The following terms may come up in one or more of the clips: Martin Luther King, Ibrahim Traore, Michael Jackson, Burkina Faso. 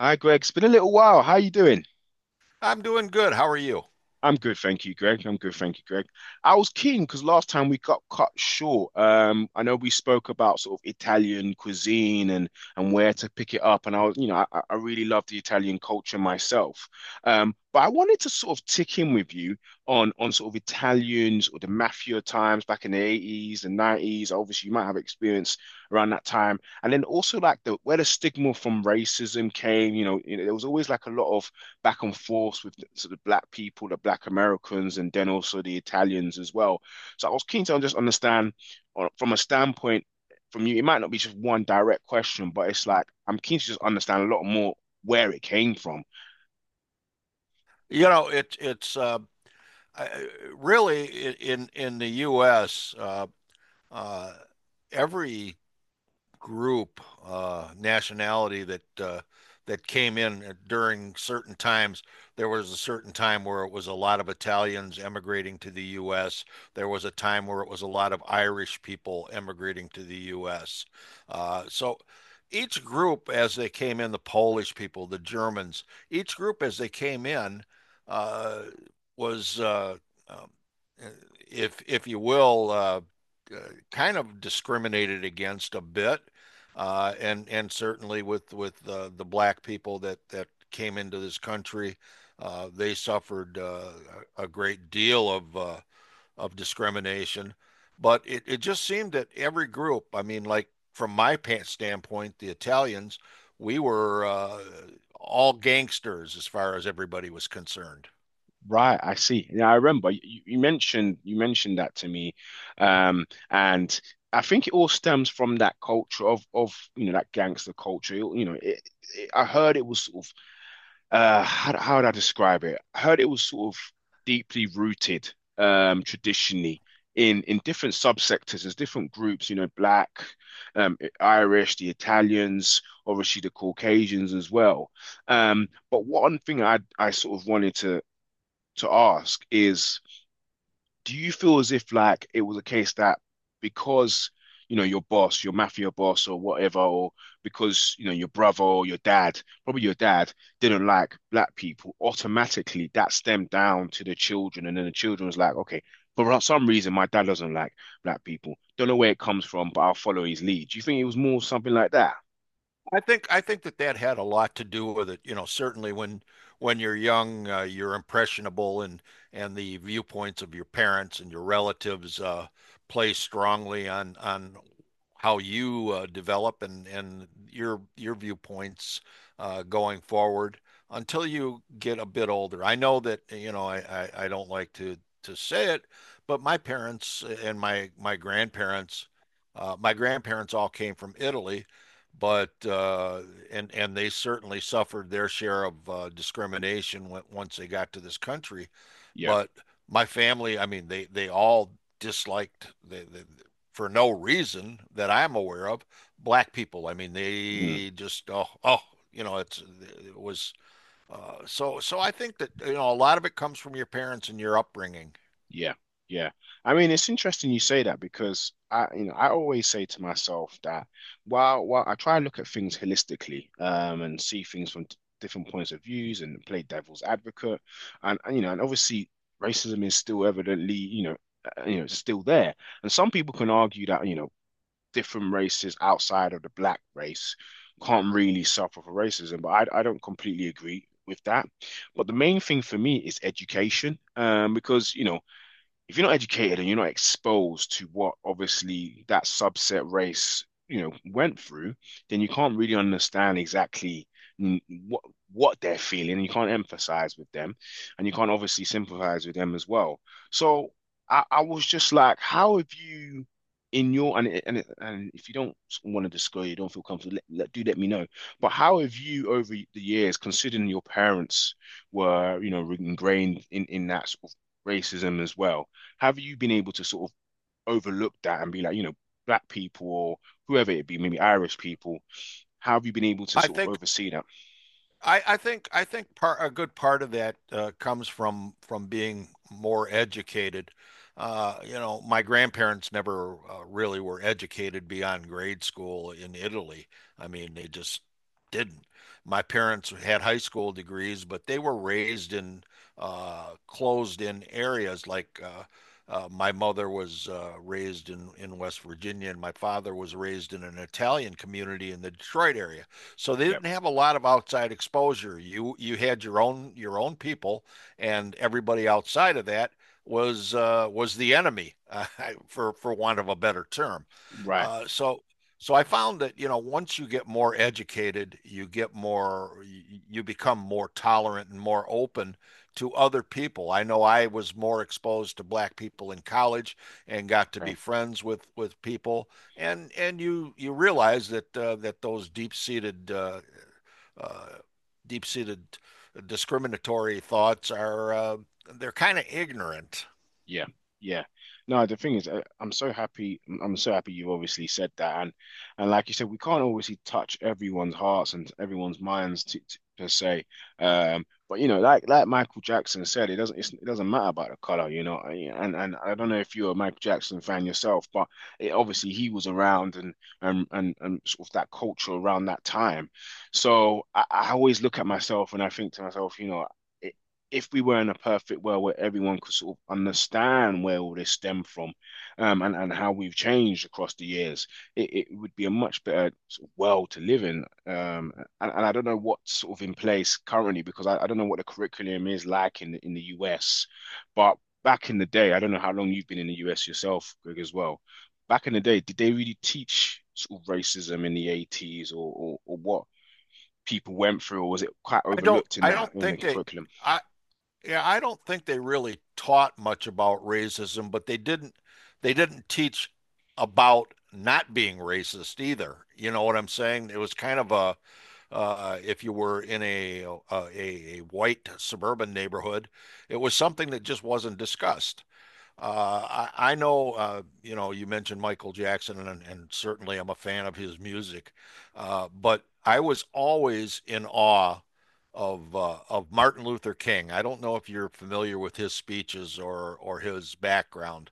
Hi, Greg. It's been a little while. How you doing? I'm doing good. How are you? I'm good, thank you, Greg. I was keen because last time we got cut short. I know we spoke about sort of Italian cuisine and where to pick it up, and I was, you know, I really love the Italian culture myself. But I wanted to sort of tick in with you on sort of Italians or the mafia times back in the 80s and 90s. Obviously, you might have experience around that time, and then also like the where the stigma from racism came. You know, there was always like a lot of back and forth with sort of black people, the black Americans, and then also the Italians as well. So I was keen to just understand from a standpoint from you. It might not be just one direct question, but it's like I'm keen to just understand a lot more where it came from. You know, it's I- really in the U.S. Uh, every group nationality that came in during certain times. There was a certain time where it was a lot of Italians emigrating to the U.S. There was a time where it was a lot of Irish people emigrating to the U.S. So each group, as they came in, the Polish people, the Germans, each group as they came in uh, was, uh, um, if you will, Uh, kind of discriminated against a bit, and certainly with the black people that came into this country. They suffered a great deal of discrimination. But it just seemed that every group, I mean, like from my standpoint, the Italians, we were all gangsters as far as everybody was concerned. Right, I see. Yeah, I remember you mentioned that to me, and I think it all stems from that culture of you know that gangster culture. You know, I heard it was sort of how would I describe it? I heard it was sort of deeply rooted, um, traditionally, in different subsectors as different groups, you know, black, um, Irish, the Italians, obviously the Caucasians as well. But one thing I sort of wanted to ask is, do you feel as if like it was a case that, because you know your boss, your mafia boss or whatever, or because you know your brother or your dad, probably your dad didn't like black people, automatically that stemmed down to the children, and then the children was like, okay, for some reason my dad doesn't like black people. Don't know where it comes from, but I'll follow his lead. Do you think it was more something like that? I think that that had a lot to do with it. You know, certainly when you're young, you're impressionable, and the viewpoints of your parents and your relatives play strongly on how you develop and your viewpoints, going forward until you get a bit older. I know that you know I don't like to say it, but my parents and my my grandparents all came from Italy, but and they certainly suffered their share of discrimination when, once they got to this country. Yeah. But my family, I mean, they all disliked for no reason that I'm aware of, black people. I mean, Hmm. they just you know, it's it was, so I think that you know a lot of it comes from your parents and your upbringing. Yeah, yeah. I mean, it's interesting you say that because, I, you know, I always say to myself that while I try and look at things holistically, and see things from different points of views and play devil's advocate, and you know, and obviously racism is still evidently, you know, it's still there. And some people can argue that, you know, different races outside of the black race can't really suffer for racism, but I don't completely agree with that. But the main thing for me is education, because you know if you're not educated and you're not exposed to what obviously that subset race, you know, went through, then you can't really understand exactly mm, what they're feeling. And you can't empathise with them, and you can't obviously sympathize with them as well. So I was just like, how have you? In your, and if you don't want to disclose, you don't feel comfortable, do let me know. But how have you, over the years, considering your parents were, you know, ingrained in that sort of racism as well, have you been able to sort of overlook that and be like, you know, black people or whoever it be, maybe Irish people, how have you been able to I sort of think oversee that? I think part a good part of that comes from being more educated. You know, my grandparents never really were educated beyond grade school in Italy. I mean, they just didn't. My parents had high school degrees, but they were raised in, closed-in areas. Like, my mother was raised in West Virginia, and my father was raised in an Italian community in the Detroit area. So they Yeah, didn't have a lot of outside exposure. You had your own people, and everybody outside of that was, was the enemy, for want of a better term. right. Uh, so so I found that you know once you get more educated, you get more you you become more tolerant and more open to other people. I know I was more exposed to black people in college and got to be Okay. friends with people, and you realize that those deep seated uh, deep seated discriminatory thoughts are they're kind of ignorant. Yeah, yeah. No, the thing is, I'm so happy. I'm so happy you obviously said that. And like you said, we can't obviously touch everyone's hearts and everyone's minds to per se. But you know, like Michael Jackson said, it doesn't matter about the color, you know. And I don't know if you're a Michael Jackson fan yourself, but obviously he was around, and and sort of that culture around that time. So I always look at myself and I think to myself, you know, if we were in a perfect world where everyone could sort of understand where all this stemmed from, and how we've changed across the years, it would be a much better sort of world to live in. And I don't know what's sort of in place currently because I don't know what the curriculum is like in in the US. But back in the day, I don't know how long you've been in the US yourself, Greg, as well. Back in the day, did they really teach sort of racism in the 80s or what people went through, or was it quite overlooked I don't in the think they curriculum? I yeah I don't think they really taught much about racism, but they didn't teach about not being racist either. You know what I'm saying? It was kind of a, if you were in a white suburban neighborhood, it was something that just wasn't discussed. I know, you know, you mentioned Michael Jackson, and certainly I'm a fan of his music, but I was always in awe of Martin Luther King. I don't know if you're familiar with his speeches or his background,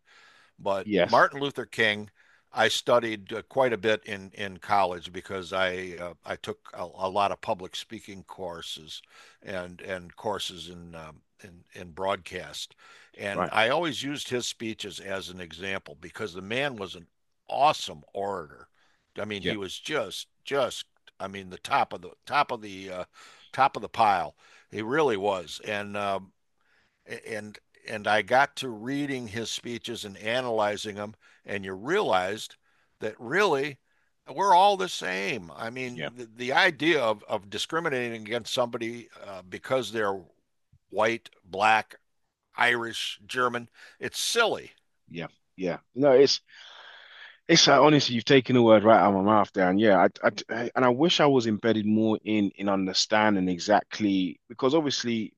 but Yes. Martin Luther King, I studied quite a bit in college because I took a lot of public speaking courses and courses in broadcast, and Right. I always used his speeches as an example because the man was an awesome orator. I mean, Yeah. he was just I mean the top of the top of the top of the pile. He really was, and and and I got to reading his speeches and analyzing them, and you realized that really we're all the same. I Yeah. mean, the idea of discriminating against somebody because they're white, black, Irish, German, it's silly. Yeah. Yeah. No, it's honestly, you've taken the word right out of my mouth there, and yeah, and I wish I was embedded more in understanding exactly because obviously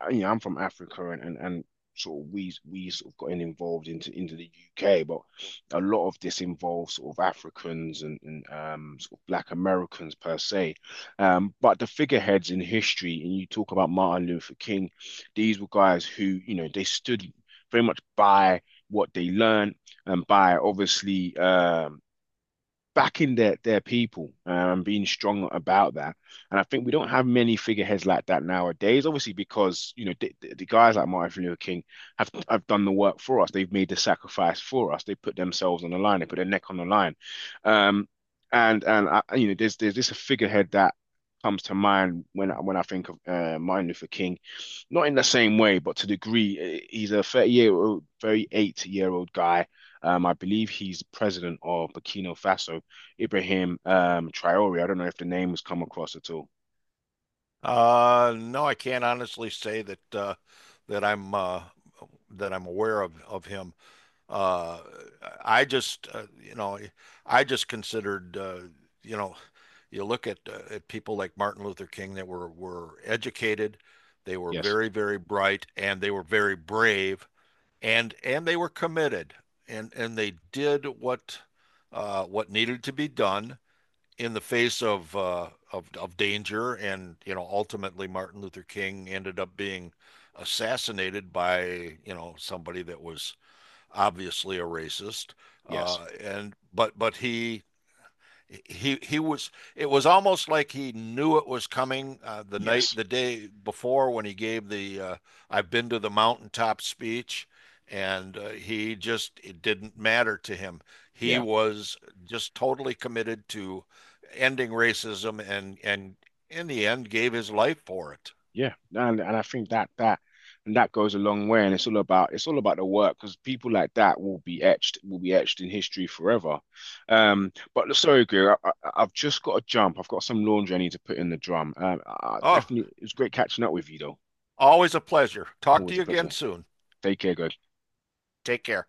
you know, I'm from Africa, and and sort of we sort of gotten involved into the UK, but a lot of this involves sort of Africans and, um, sort of Black Americans per se. But the figureheads in history, and you talk about Martin Luther King, these were guys who, you know, they stood very much by what they learned and by obviously, um, backing their people, and being strong about that. And I think we don't have many figureheads like that nowadays. Obviously, because you know the guys like Martin Luther King have done the work for us. They've made the sacrifice for us. They put themselves on the line. They put their neck on the line. Um, and I, you know, there's this figurehead that comes to mind when I think of Martin Luther King, not in the same way, but to the degree. He's a 38-year-old guy. I believe he's president of Burkina Faso, Ibrahim, Traore. I don't know if the name has come across at all. No, I can't honestly say that I'm uh, that I'm aware of him. Uh, I just, you know, I just considered, you know, you look at people like Martin Luther King that were educated, they were Yes, very, very bright, and they were very brave, and they were committed, and they did what needed to be done in the face of danger. And you know, ultimately Martin Luther King ended up being assassinated by, you know, somebody that was obviously a racist, yes, and but he was, it was almost like he knew it was coming, yes, the day before when he gave the, I've been to the mountaintop speech. And he just, it didn't matter to him. He yeah, was just totally committed to ending racism and in the end gave his life for it. yeah. No, and I think that and that goes a long way. And it's all about, the work, because people like that will be etched, in history forever. But sorry, Greer, I've just got to jump. I've got some laundry I need to put in the drum. I oh definitely, it was great catching up with you though. Always a pleasure. Talk to Always a you again pleasure. soon. Take care, guys. Take care.